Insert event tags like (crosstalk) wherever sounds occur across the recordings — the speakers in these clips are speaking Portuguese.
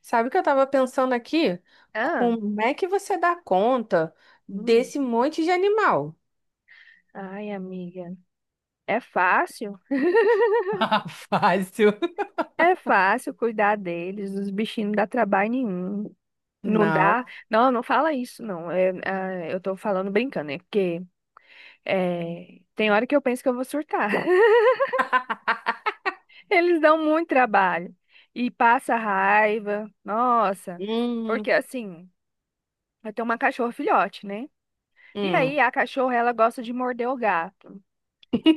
Sabe o que eu tava pensando aqui? Ah, Como é que você dá conta hum. desse monte de animal? Ai, amiga. É fácil? (laughs) (laughs) Fácil. É fácil cuidar deles, os bichinhos não dá trabalho nenhum. Não Não. dá. Não, não fala isso, não. É, eu tô falando brincando, é porque tem hora que eu penso que eu vou surtar. (laughs) Eles dão muito trabalho e passa raiva. Nossa, Hum, porque assim, eu tenho uma cachorra filhote, né? E hum. aí a cachorra ela gosta de morder o gato.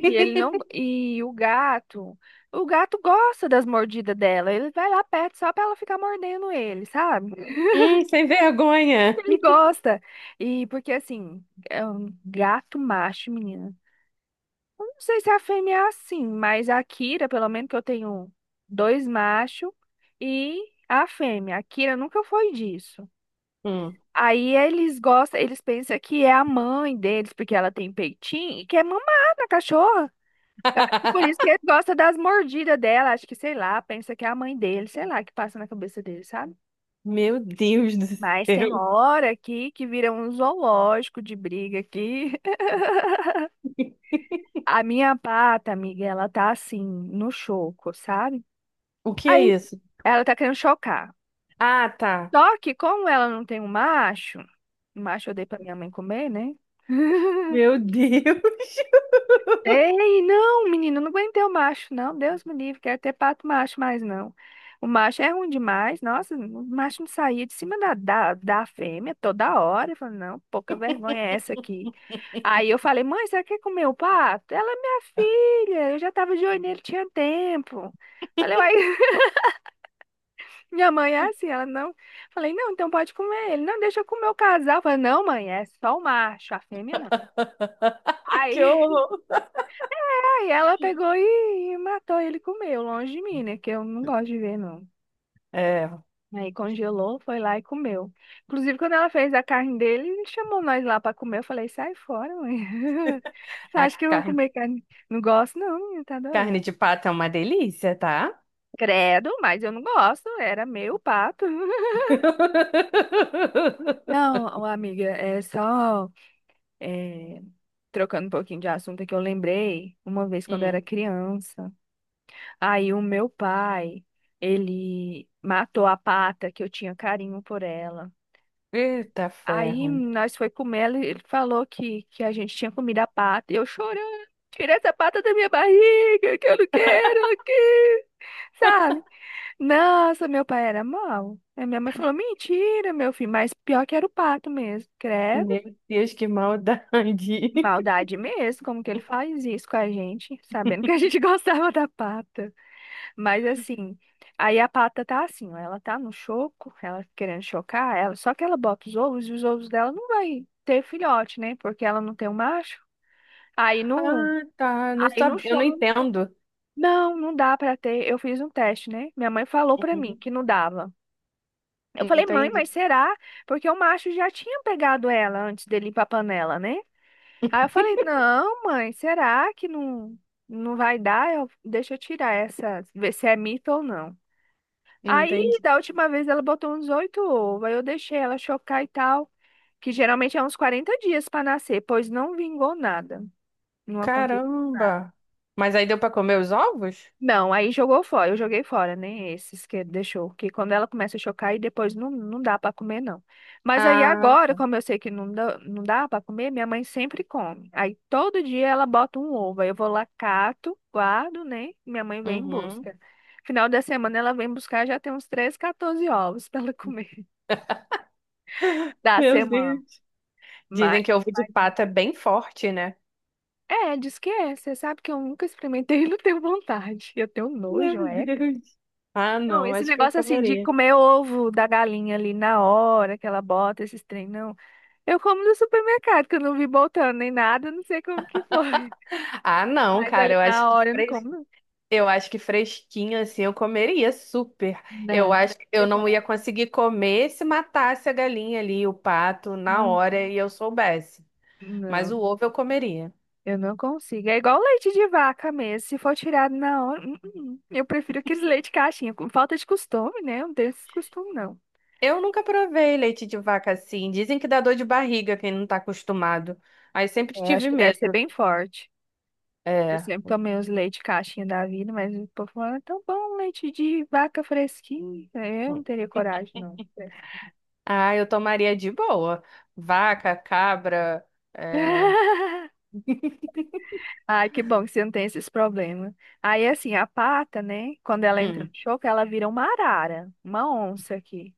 E ele não. E o gato. O gato gosta das mordidas dela. Ele vai lá perto só pra ela ficar mordendo ele, sabe? (laughs) Sem vergonha. Ele gosta. E porque assim, é um gato macho, menina. Não sei se a fêmea é assim, mas a Kira, pelo menos que eu tenho dois machos e a fêmea. A Kira nunca foi disso. Hum. Aí eles gostam, eles pensam que é a mãe deles, porque ela tem peitinho e quer mamar na cachorra. E por isso que (laughs) ele gosta das mordidas dela. Acho que, sei lá, pensa que é a mãe dele, sei lá, que passa na cabeça dele, sabe? Meu Deus do Mas tem céu. hora aqui que vira um zoológico de briga aqui. (laughs) A minha pata, amiga, ela tá assim, no choco, sabe? O que é Aí isso? ela tá querendo chocar. Ah, tá. Só que como ela não tem um macho, o macho eu dei pra minha mãe comer, né? (laughs) Meu Deus. Ei, não, menino, não aguentei o macho, não. Deus me livre, quero ter pato macho mas não. O macho é ruim demais. Nossa, o macho não saía de cima da fêmea toda hora. Eu falei, não, pouca vergonha é essa aqui. Aí eu falei, mãe, você quer comer o pato? Ela é minha filha, eu já tava de olho nele, tinha tempo. Falei, uai, (laughs) minha mãe é assim, ela não. Falei, não, então pode comer ele. Não, deixa eu comer o casal. Falei, não, mãe, é só o macho, a fêmea não. (laughs) Que Aí horror. Aí ela pegou e matou ele e comeu, longe de mim, né? Que eu não gosto de ver, não. É, Aí congelou, foi lá e comeu. Inclusive, quando ela fez a carne dele, ele chamou nós lá pra comer. Eu falei, sai fora, mãe. (laughs) Você a acha que eu vou carne, comer carne? Não gosto, não, menina, tá doido. carne de pato é uma delícia, tá? Credo, mas eu não gosto, era meu pato. (laughs) (laughs) Não, ô, amiga, é, trocando um pouquinho de assunto é que eu lembrei uma vez quando eu era Hum. criança. Aí o meu pai, ele matou a pata que eu tinha carinho por ela. Eita Aí ferro. nós foi comer, ele falou que a gente tinha comido a pata. E eu chorando, tira essa pata da minha barriga, que eu não quero ela aqui, sabe? Nossa, meu pai era mau. Aí minha mãe falou, mentira, meu filho, mas pior que era o pato mesmo, credo. Meu Deus, que maldade. (laughs) Maldade mesmo, como que ele faz isso com a gente, sabendo que a gente (laughs) gostava da pata. Mas assim, aí a pata tá assim, ó, ela tá no choco, ela querendo chocar, ela, só que ela bota os ovos e os ovos dela não vai ter filhote, né? Porque ela não tem um macho. Aí no, Ah, tá. Não aí no sabia. Eu não choro, entendo. não, não dá pra ter. Eu fiz um teste, né? Minha mãe falou pra mim Uhum. que não dava. Eu falei, mãe, Entendi. mas será? Porque o macho já tinha pegado ela antes dele ir pra panela, né? Aí eu falei, não, mãe, será que não vai dar? Eu, deixa eu tirar essa, ver se é mito ou não. Aí, Entendi. da última vez, ela botou uns oito ovos, aí eu deixei ela chocar e tal, que geralmente é uns 40 dias para nascer, pois não vingou nada. Não aconteceu. Caramba. Mas aí deu pra comer os ovos? Não, aí jogou fora, eu joguei fora, nem esses que deixou, que quando ela começa a chocar e depois não, não dá pra comer não. Mas aí Ah, agora, como eu sei que não dá, não dá para comer, minha mãe sempre come. Aí todo dia ela bota um ovo, aí eu vou lá cato, guardo, né? Minha mãe vem em uhum. busca. Final da semana ela vem buscar, já tem uns 13, 14 ovos pra ela comer (laughs) da Meu semana. Deus. Mas, Dizem que ovo de mas, hein? pato é bem forte, né? É, diz que é, você sabe que eu nunca experimentei e não tenho vontade. Eu tenho nojo, Meu é. Deus. Ah, Não, não. esse Acho que eu negócio assim de comeria. comer ovo da galinha ali na hora que ela bota esses trem, não. Eu como no supermercado, que eu não vi botando nem nada, não sei como que foi. Ah, (laughs) não, Mas cara. ali na hora eu não como, não. Eu acho que fresquinho assim eu comeria super. Eu Não, acho que eu tem não ia coragem. conseguir comer se matasse a galinha ali, o pato, na Não, hora e eu soubesse. Mas não, o ovo eu comeria. eu não consigo. É igual leite de vaca mesmo. Se for tirado na hora, eu prefiro aqueles leite caixinha. Com falta de costume, né? Eu não tenho esse costume, não. Eu nunca provei leite de vaca assim. Dizem que dá dor de barriga quem não tá acostumado. Aí sempre É, acho tive que deve ser medo. bem forte. Eu É. sempre tomei os leite caixinha da vida, mas o povo fala, é tão bom, leite de vaca fresquinho. É, eu não teria coragem, não. Fresquinho. Ah, eu tomaria de boa. Vaca, cabra. É... (laughs) Ai, que bom que você não tem esses problemas. Aí, assim, a pata, né? Quando ela entra no Hum. choco, ela vira uma arara, uma onça aqui.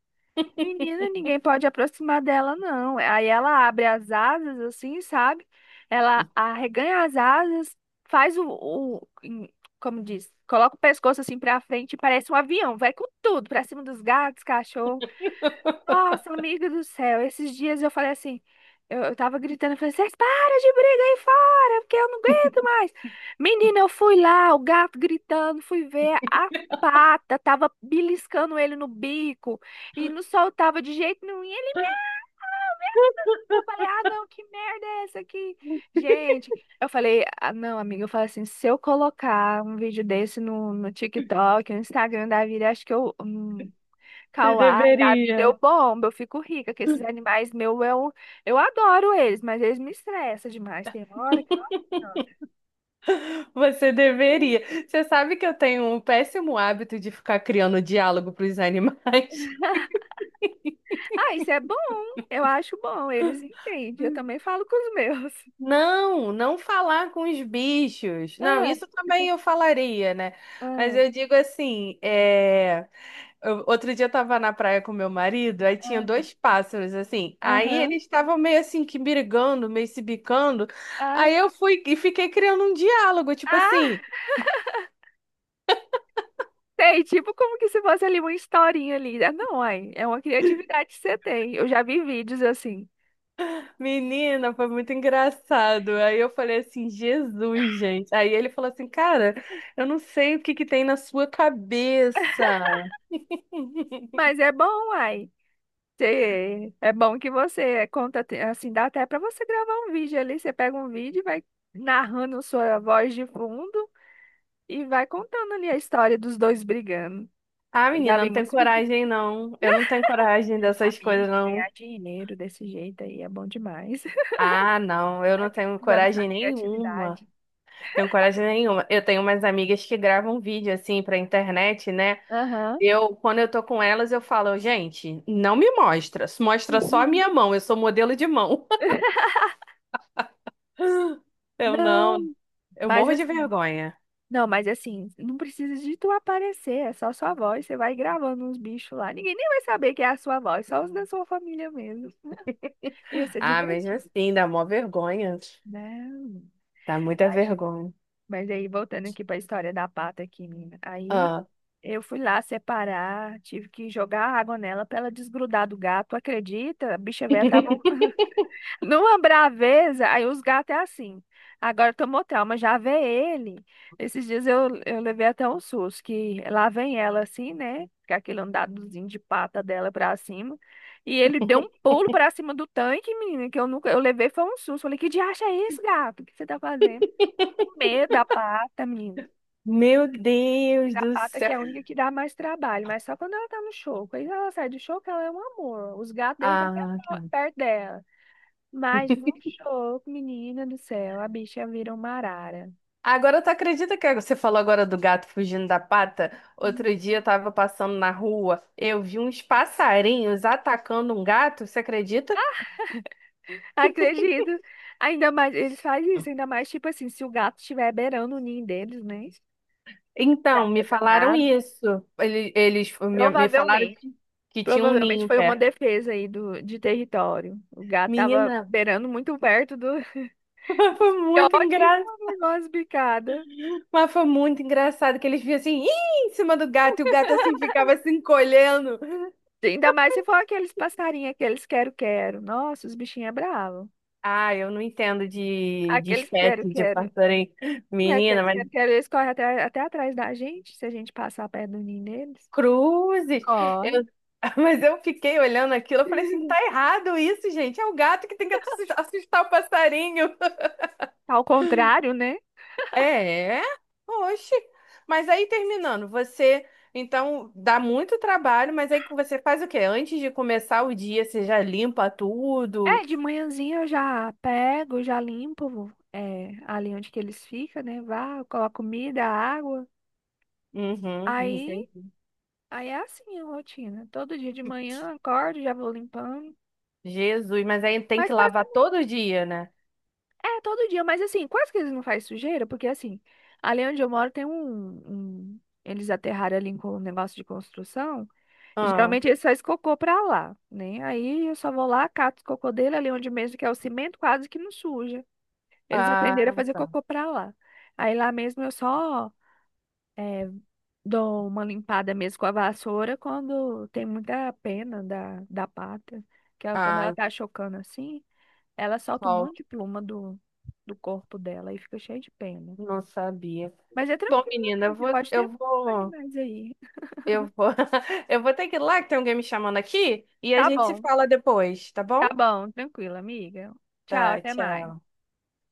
Menina, ninguém pode aproximar dela, não. Aí ela abre as asas, assim, sabe? Ela arreganha as asas, faz o- em- como diz, coloca o pescoço assim pra frente e parece um avião. Vai com tudo, pra cima dos gatos, cachorro. Nossa, amiga do céu, esses dias eu falei assim, eu tava gritando, eu falei, vocês param de brigar aí fora, porque eu não aguento mais. Menina, eu fui lá, o gato gritando, fui ver a pata, tava beliscando ele no bico e não soltava de jeito nenhum. E ele, eu falei, ah, não, que merda é essa aqui? Gente, eu falei, ah, não, amiga, eu falei assim, se eu colocar um vídeo desse no TikTok, no Instagram da vida, acho que eu, Você Kauai, Dabi deu deveria. bomba, eu fico rica, que esses animais meu eu adoro eles, mas eles me estressam demais. Tem hora que. Nossa. Você deveria. Você sabe que eu tenho um péssimo hábito de ficar criando diálogo para os animais. Ah, isso é bom, eu acho bom, eles entendem, eu também falo com os meus. (laughs) (laughs) Não, não falar com os bichos. Não, Ah, isso também tipo, eu falaria, né? Mas ah, eu digo assim, é... outro dia eu tava na praia com meu marido, aí tinha ah, dois pássaros, assim. Aí aham, eles estavam meio assim que brigando, meio se bicando. ah, Aí eu fui e fiquei criando um diálogo, tipo ah, assim. sei, tipo como que se fosse ali uma historinha ali. Ah, não, ai, é uma criatividade que você tem, eu já vi vídeos assim. Menina, foi muito engraçado. Aí eu falei assim, Jesus, gente. Aí ele falou assim, cara, eu não sei o que que tem na sua (laughs) cabeça. (laughs) Mas é bom, ai. Sei. É bom que você conta, assim, dá até para você gravar um vídeo ali. Você pega um vídeo e vai narrando sua voz de fundo e vai contando ali a história dos dois brigando. Ah, Eu já menina, vi não tem muitos vídeos de coragem, não. Eu não tenho coragem dessas coisas, amigos não. ganhar dinheiro desse jeito aí, é bom demais. (laughs) Ah, não, eu não tenho Usando sua coragem nenhuma. criatividade. Tenho coragem nenhuma. Eu tenho umas amigas que gravam vídeo assim pra internet, né? Aham. Eu, quando eu tô com elas, eu falo, gente, não me mostra. Mostra só a minha mão. Eu sou modelo de mão. (laughs) (laughs) Eu Não, não, eu mas morro de assim, vergonha. não, mas assim, não precisa de tu aparecer, é só sua voz, você vai gravando uns bichos lá. Ninguém nem vai saber que é a sua voz, só os da sua família mesmo. Ia ser Ah, mesmo divertido. assim, dá mó vergonha. Não. Dá muita Mas, vergonha. mas aí, voltando aqui para a história da pata aqui, menina. Aí Ah. eu fui lá separar, tive que jogar água nela para ela desgrudar do gato. Acredita? A bicha velha tava (laughs) (laughs) numa braveza. Aí os gatos é assim. Agora tomou trauma, já vê ele. Esses dias eu levei até um susto, que lá vem ela assim, né? Com aquele andadozinho de pata dela pra cima. E ele deu um pulo pra cima do tanque, menina, que eu nunca, eu levei foi um susto. Falei, que diacho é isso, gato? O que você tá fazendo? Comer da pata, menina. Meu Mas Deus a do pata que é céu. a única que dá mais trabalho, mas só quando ela tá no show. Quando ela sai do show, ela é um amor. Os gatos deitam até Ah, tá. perto dela. Mas no show, menina do céu, a bicha vira uma arara. Agora tu acredita que você falou agora do gato fugindo da pata? Outro Hum. dia eu tava passando na rua, eu vi uns passarinhos atacando um gato, você acredita? Acredito. Ainda mais, eles fazem isso, ainda mais tipo assim, se o gato estiver beirando o ninho deles, né? Então, Gato me é falaram danado. isso. Eles, me falaram Provavelmente. Que tinha um Provavelmente ninho foi uma perto. defesa aí de território. O gato tava Menina, beirando muito perto do. (laughs) foi Os muito filhotes, vão levar umas bicadas. Mas foi muito engraçado que eles viam assim, "Ih", em cima do gato, e o gato assim ficava se encolhendo. Ainda mais se for aqueles passarinhos, aqueles quero-quero. Nossa, os bichinhos é bravo. Ah, eu não entendo de Aqueles espécie de quero-quero. passarinho. né, Menina, Aqueles mas quero-quero, eles correm até atrás da gente, se a gente passar perto do ninho deles. cruzes. Eu, Corre. (laughs) Mas eu fiquei olhando aquilo, eu falei assim, tá (laughs) errado isso, gente. É o gato que tem que assustar o passarinho. (laughs) Tá, ao contrário, né? É, oxe. Mas aí terminando, você então dá muito trabalho, mas aí que você faz o quê? Antes de começar o dia, você já limpa É, tudo. de manhãzinha eu já pego, já limpo ali onde que eles ficam, né? Vá, eu coloco comida, água. Uhum, Aí, entendi. aí, é assim a rotina. Todo dia de manhã, acordo, já vou limpando. Jesus, mas aí tem Mas que quase lavar todo dia, né? É, todo dia, mas assim, quase que eles não fazem sujeira, porque assim, ali onde eu moro tem um, um- eles aterraram ali com um negócio de construção, e Ah, geralmente eles fazem cocô pra lá, né? Aí eu só vou lá, cato o cocô dele ali onde mesmo, que é o cimento quase que não suja. Eles ah, aprenderam a fazer tá. cocô pra lá. Aí lá mesmo eu só eh, dou uma limpada mesmo com a vassoura quando tem muita pena da pata, que é quando ela Ai, tá chocando assim. Ela solta um monte solta. de pluma do corpo dela e fica cheia de pena. Não sabia. Mas é Bom, tranquilo, menina, amiga. Você pode ter animais aí. eu vou, (laughs) eu vou ter que ir lá que tem alguém me chamando aqui e a Tá gente se bom, fala depois, tá tá bom? bom, tranquilo, amiga. Tchau, Tá, até tchau. mais.